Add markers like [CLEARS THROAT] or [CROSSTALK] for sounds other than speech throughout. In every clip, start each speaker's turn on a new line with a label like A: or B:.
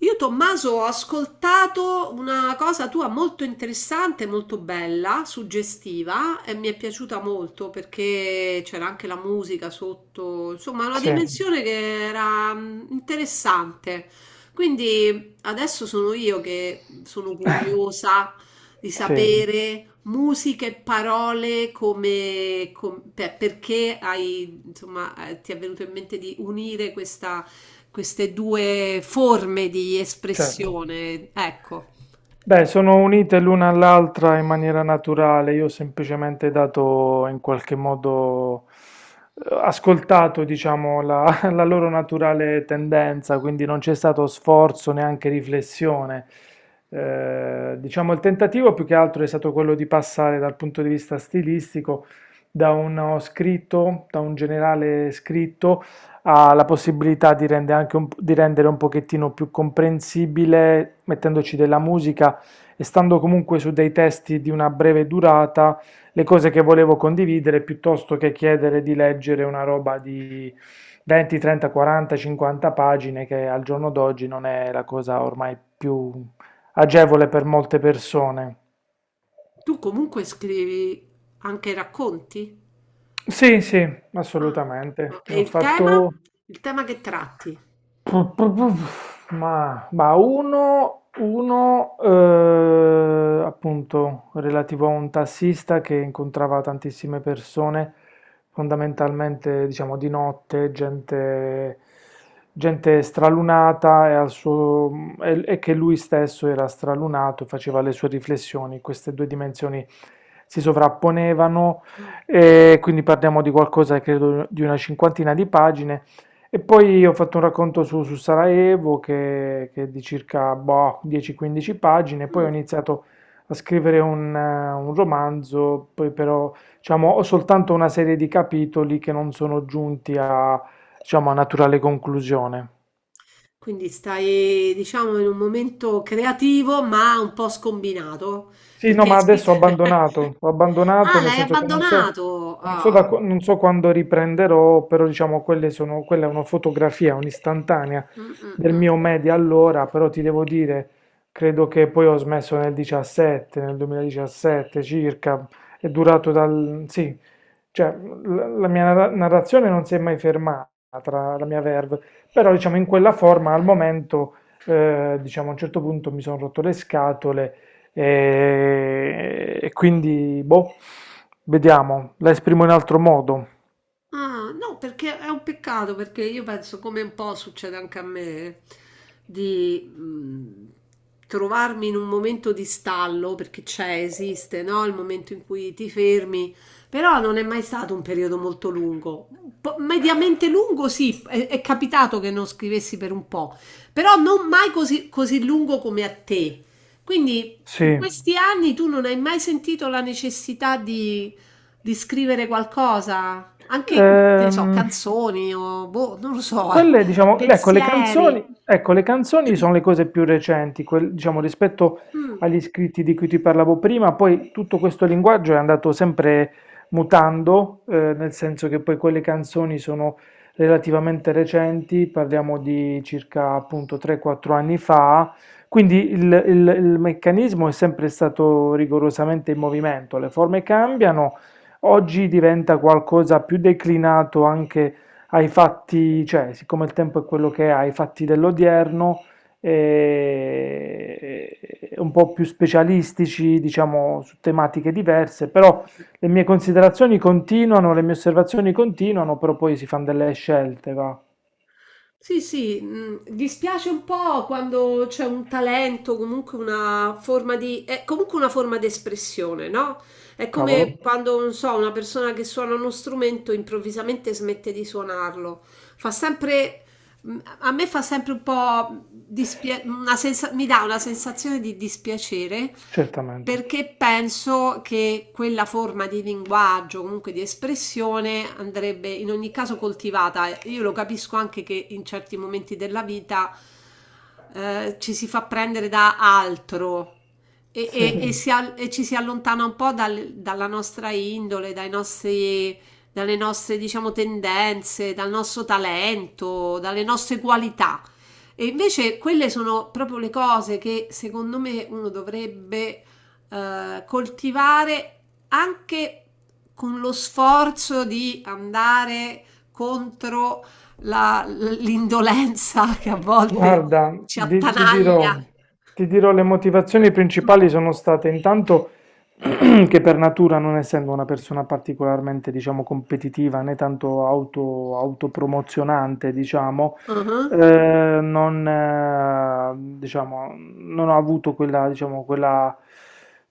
A: Io, Tommaso, ho ascoltato una cosa tua molto interessante, molto bella, suggestiva e mi è piaciuta molto perché c'era anche la musica sotto, insomma, una
B: Sì,
A: dimensione che era interessante. Quindi adesso sono io che sono curiosa di
B: sì,
A: sapere musica e parole perché hai, insomma, ti è venuto in mente di unire questa queste due forme di
B: certo.
A: espressione. Ecco,
B: Beh, sono unite l'una all'altra in maniera naturale, io ho semplicemente dato in qualche modo, ascoltato, diciamo, [LAUGHS] la loro naturale tendenza, quindi non c'è stato sforzo, neanche riflessione. Diciamo, il tentativo più che altro è stato quello di passare dal punto di vista stilistico da uno scritto, da un generale scritto, ha la possibilità di rende anche di rendere un pochettino più comprensibile, mettendoci della musica e stando comunque su dei testi di una breve durata, le cose che volevo condividere piuttosto che chiedere di leggere una roba di 20, 30, 40, 50 pagine, che al giorno d'oggi non è la cosa ormai più agevole per molte persone.
A: tu comunque scrivi anche racconti?
B: Sì, sì,
A: Ah,
B: assolutamente.
A: no.
B: Ne
A: E
B: ho
A: il tema?
B: fatto.
A: Il tema che tratti?
B: Ma uno, appunto relativo a un tassista che incontrava tantissime persone, fondamentalmente diciamo di notte, gente, gente stralunata e che lui stesso era stralunato e faceva le sue riflessioni. Queste due dimensioni si sovrapponevano
A: Mm.
B: e quindi parliamo di qualcosa, credo, di una cinquantina di pagine. E poi ho fatto un racconto su Sarajevo che è di circa boh, 10-15 pagine, poi ho
A: Mm.
B: iniziato a scrivere un romanzo, poi però diciamo, ho soltanto una serie di capitoli che non sono giunti a, diciamo, a naturale conclusione.
A: Quindi stai, diciamo, in un momento creativo, ma un po' scombinato,
B: Sì, no,
A: perché hai
B: ma adesso
A: scritto... [LAUGHS]
B: ho abbandonato
A: Ah,
B: nel
A: l'hai
B: senso che non so,
A: abbandonato!
B: non so, da,
A: Ah.
B: qu- non so quando riprenderò, però diciamo quelle sono, quella è una fotografia, un'istantanea
A: Mm, mm,
B: del
A: mm.
B: mio media allora, però ti devo dire, credo che poi ho smesso nel 17, nel 2017 circa, è durato dal, sì, cioè la mia narrazione non si è mai fermata, la mia verve, però diciamo in quella forma al momento, diciamo a un certo punto mi sono rotto le scatole e quindi, boh, vediamo, la esprimo in altro modo,
A: Ah, no, perché è un peccato, perché io penso, come un po' succede anche a me, di trovarmi in un momento di stallo, perché c'è, esiste, no? Il momento in cui ti fermi, però non è mai stato un periodo molto lungo. Un po' mediamente lungo, sì, è capitato che non scrivessi per un po', però non mai così, così lungo come a te. Quindi in
B: sì.
A: questi anni tu non hai mai sentito la necessità di scrivere qualcosa? Anche, che ne so,
B: Ehm,
A: canzoni o boh, non lo so,
B: Quelle,
A: [LAUGHS]
B: diciamo,
A: pensieri.
B: ecco, le canzoni sono le cose più recenti, diciamo, rispetto
A: Mh,
B: agli scritti di cui ti parlavo prima, poi tutto questo linguaggio è andato sempre mutando, nel senso che poi quelle canzoni sono relativamente recenti, parliamo di circa appunto 3-4 anni fa, quindi il meccanismo è sempre stato rigorosamente in movimento, le forme cambiano, oggi diventa qualcosa più declinato anche ai fatti, cioè, siccome il tempo è quello che è, ai fatti dell'odierno, un po' più specialistici, diciamo, su tematiche diverse, però le mie considerazioni continuano, le mie osservazioni continuano, però poi si fanno delle scelte, va.
A: sì, sì, dispiace un po' quando c'è un talento, comunque una forma di, è comunque una forma di espressione, no? È come sì,
B: Cavolo,
A: quando, non so, una persona che suona uno strumento improvvisamente smette di suonarlo. Fa sempre, a me fa sempre un po' mi dà una sensazione di dispiacere
B: certamente.
A: perché penso che quella forma di linguaggio, comunque di espressione, andrebbe in ogni caso coltivata. Io lo capisco anche che in certi momenti della vita ci si fa prendere da altro e,
B: Sì.
A: e- e sì, ci si allontana un po' dalla nostra indole, dalle nostre, diciamo, tendenze, dal nostro talento, dalle nostre qualità. E invece quelle sono proprio le cose che secondo me uno dovrebbe coltivare anche con lo sforzo di andare contro l'indolenza [LAUGHS] che a volte
B: Guarda,
A: ci attanaglia.
B: ti dirò, le motivazioni principali sono state intanto [CLEARS THROAT] che per natura, non essendo una persona particolarmente, diciamo, competitiva né tanto autopromozionante, diciamo,
A: Mhm.
B: non ho avuto quella, diciamo, quella,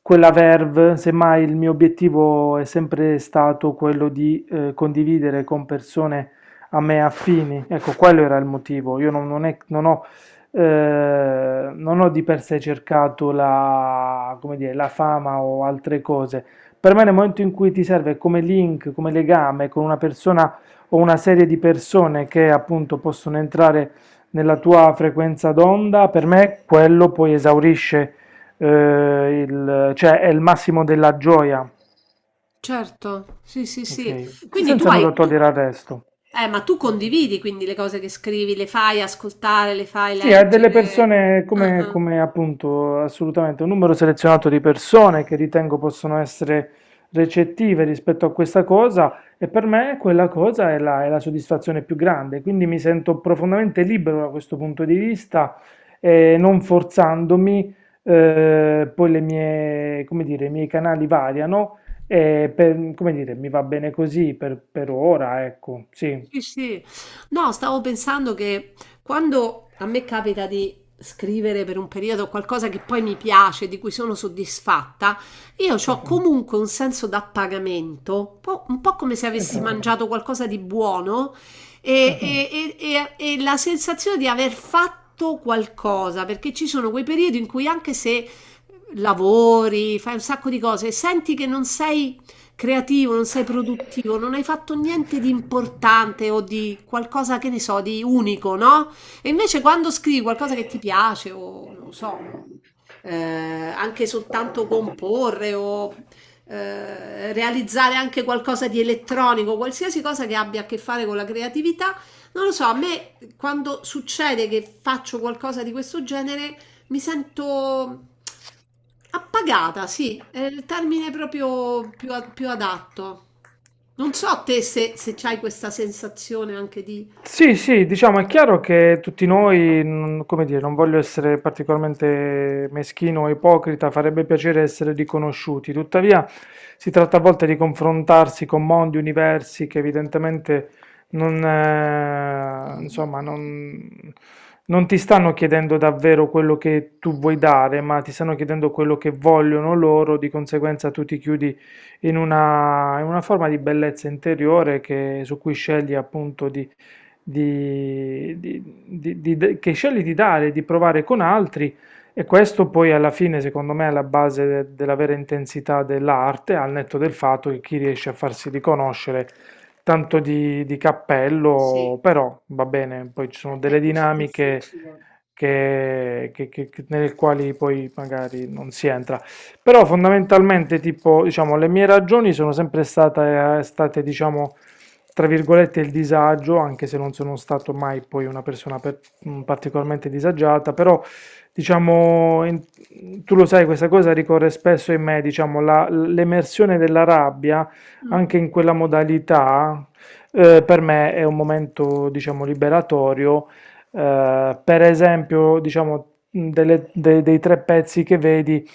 B: quella verve, semmai il mio obiettivo è sempre stato quello di condividere con persone a me affini. Ecco, quello era il motivo. Io non ho di per sé cercato la, come dire, la fama o altre cose. Per me nel momento in cui ti serve come link, come legame con una persona o una serie di persone che appunto possono entrare nella tua frequenza d'onda, per me quello poi esaurisce, cioè è il massimo della gioia,
A: Certo, sì, sì, sì.
B: ok?
A: Quindi
B: Senza nulla togliere al resto.
A: ma tu condividi quindi le cose che scrivi, le fai ascoltare, le fai
B: Sì, ha delle
A: leggere.
B: persone come appunto assolutamente un numero selezionato di persone che ritengo possono essere recettive rispetto a questa cosa e per me quella cosa è la soddisfazione più grande, quindi mi sento profondamente libero da questo punto di vista e non forzandomi, poi le mie, come dire, i miei canali variano e come dire, mi va bene così per ora, ecco, sì,
A: Sì, sì. No, stavo pensando che quando a me capita di scrivere per un periodo qualcosa che poi mi piace, di cui sono soddisfatta, io
B: sì,
A: ho, mm, comunque un senso d'appagamento, un po' come se avessi, mm,
B: esatto,
A: mangiato qualcosa di buono
B: sì.
A: mm, e la sensazione di aver fatto qualcosa, perché ci sono quei periodi in cui anche se lavori, fai un sacco di cose, senti che non sei creativo, non sei produttivo, non hai fatto niente di importante o di qualcosa che ne so, di unico, no? E invece quando scrivi qualcosa che ti piace o non lo so, eh, anche soltanto comporre o realizzare anche qualcosa di elettronico, qualsiasi cosa che abbia a che fare con la creatività, non lo so, a me quando succede che faccio qualcosa di questo genere mi sento appagata, sì, è il termine proprio più adatto. Non
B: St.
A: so te se, se c'hai questa sensazione anche di...
B: Sì, sì, diciamo è chiaro che tutti noi, come dire, non voglio essere particolarmente meschino o ipocrita, farebbe piacere essere riconosciuti, tuttavia si tratta a volte di confrontarsi con mondi, universi che evidentemente non, insomma, non ti stanno chiedendo davvero quello che tu vuoi dare, ma ti stanno chiedendo quello che vogliono loro, di conseguenza tu ti chiudi in una forma di bellezza interiore su cui scegli appunto che scegli di dare, di provare con altri e questo poi alla fine, secondo me, è la base della vera intensità dell'arte, al netto del fatto che chi riesce a farsi riconoscere tanto di cappello,
A: Sì,
B: però va bene, poi ci sono delle
A: è così
B: dinamiche
A: difficile.
B: nelle quali poi magari non si entra. Però fondamentalmente, tipo, diciamo, le mie ragioni sono sempre state, diciamo, tra virgolette, il disagio, anche se non sono stato mai poi una persona particolarmente disagiata, però diciamo, tu lo sai, questa cosa ricorre spesso in me, diciamo, l'emersione della rabbia,
A: Mm,
B: anche
A: mm,
B: in quella modalità, per me è un momento, diciamo, liberatorio per esempio, diciamo, dei tre pezzi che vedi,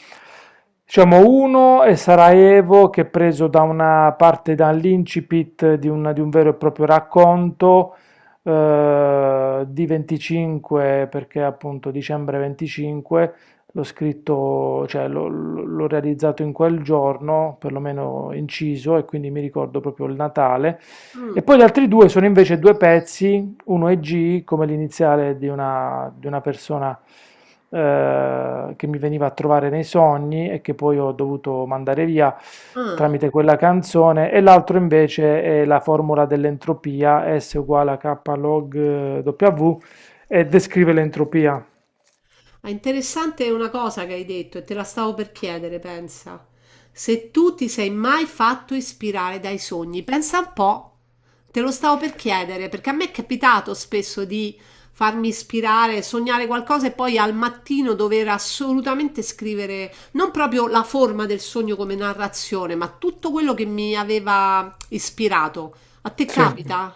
B: diciamo, uno è Sarajevo, che è preso da una parte dall'incipit di, di un vero e proprio racconto, di 25, perché appunto dicembre 25, l'ho scritto, cioè l'ho realizzato in quel giorno, perlomeno inciso, e quindi mi ricordo proprio il Natale. E
A: mm.
B: poi gli altri due sono invece due pezzi uno è G come l'iniziale di di una persona che mi veniva a trovare nei sogni e che poi ho dovuto mandare via
A: Ah.
B: tramite quella canzone, e l'altro invece è la formula dell'entropia, S uguale a K log W, e descrive l'entropia.
A: Ah, interessante una cosa che hai detto e te la stavo per chiedere, pensa. Se tu ti sei mai fatto ispirare dai sogni, pensa un po'. Te lo stavo per chiedere perché a me è capitato spesso di farmi ispirare, sognare qualcosa e poi al mattino dover assolutamente scrivere non proprio la forma del sogno come narrazione, ma tutto quello che mi aveva ispirato. A te
B: Sì.
A: capita?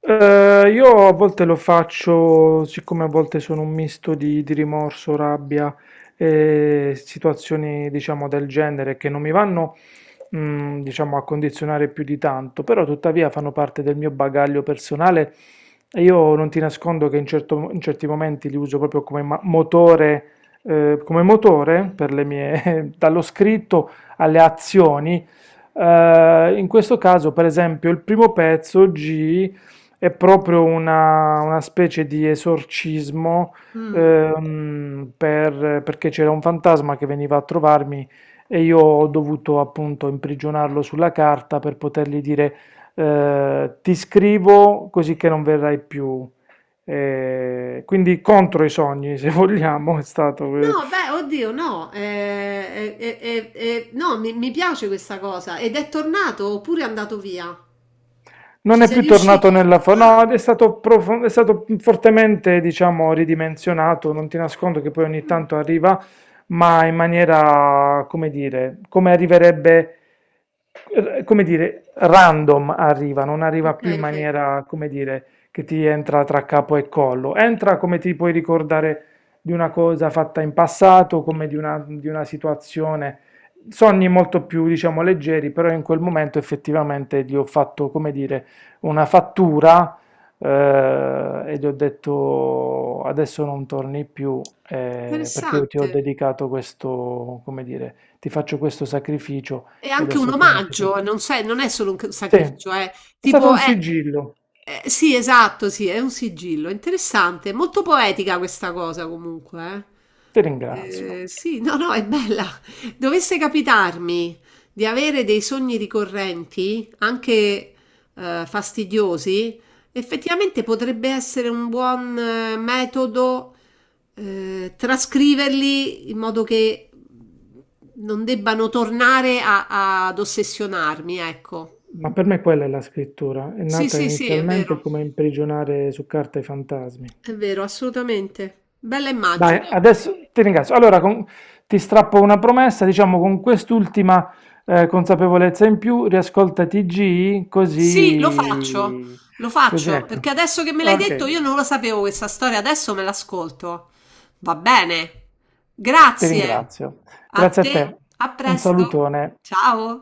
B: Io a volte lo faccio, siccome a volte sono un misto di rimorso, rabbia e situazioni, diciamo, del genere che non mi vanno, diciamo, a condizionare più di tanto, però tuttavia fanno parte del mio bagaglio personale e io non ti nascondo che in certi momenti li uso proprio come motore per le mie, [LAUGHS] dallo scritto alle azioni. In questo caso, per esempio, il primo pezzo G è proprio una specie di esorcismo
A: Mm.
B: perché c'era un fantasma che veniva a trovarmi e io ho dovuto appunto imprigionarlo sulla carta per potergli dire ti scrivo così che non verrai più. Quindi contro i sogni, [LAUGHS] se vogliamo, è stato.
A: No, beh, oddio, no, no, mi piace questa cosa. Ed è tornato oppure è andato via?
B: Non
A: Ci
B: è
A: sei
B: più tornato
A: riuscito?
B: nella fa-
A: Ah,
B: No, è stato fortemente, diciamo, ridimensionato. Non ti nascondo che poi ogni
A: mm,
B: tanto arriva, ma in maniera, come dire, come arriverebbe, come dire, random arriva, non arriva
A: ok,
B: più in
A: ok.
B: maniera, come dire, che ti entra tra capo e collo. Entra come ti puoi ricordare di una cosa fatta in passato, come di una situazione. Sogni molto più, diciamo, leggeri, però in quel momento effettivamente gli ho fatto, come dire, una fattura e gli ho detto adesso non torni più perché io ti
A: Interessante.
B: ho dedicato questo, come dire, ti faccio questo sacrificio
A: È
B: e
A: anche un
B: adesso tu non ti fai più.
A: omaggio, non è solo un
B: Sì,
A: sacrificio, è
B: è stato
A: tipo,
B: un
A: è,
B: sigillo,
A: sì, esatto, sì, è un sigillo, interessante, molto poetica questa cosa comunque. Eh.
B: ti ringrazio.
A: Sì, no, no, è bella. Dovesse capitarmi di avere dei sogni ricorrenti, anche fastidiosi, effettivamente potrebbe essere un buon metodo trascriverli in modo che non debbano tornare ad ossessionarmi, ecco.
B: Ma per me quella è la scrittura, è
A: Sì,
B: nata
A: sì, sì,
B: inizialmente come imprigionare su carta i fantasmi.
A: è vero, assolutamente. Bella
B: Dai,
A: immagine.
B: adesso ti ringrazio. Allora, ti strappo una promessa, diciamo con quest'ultima consapevolezza in più, riascolta TG,
A: Sì,
B: così,
A: lo
B: così
A: faccio,
B: ecco.
A: perché adesso che me l'hai detto
B: Ok,
A: io non lo sapevo questa storia, adesso me l'ascolto. Va bene,
B: ti
A: grazie.
B: ringrazio.
A: A
B: Grazie a
A: te,
B: te.
A: a
B: Un
A: presto.
B: salutone.
A: Ciao.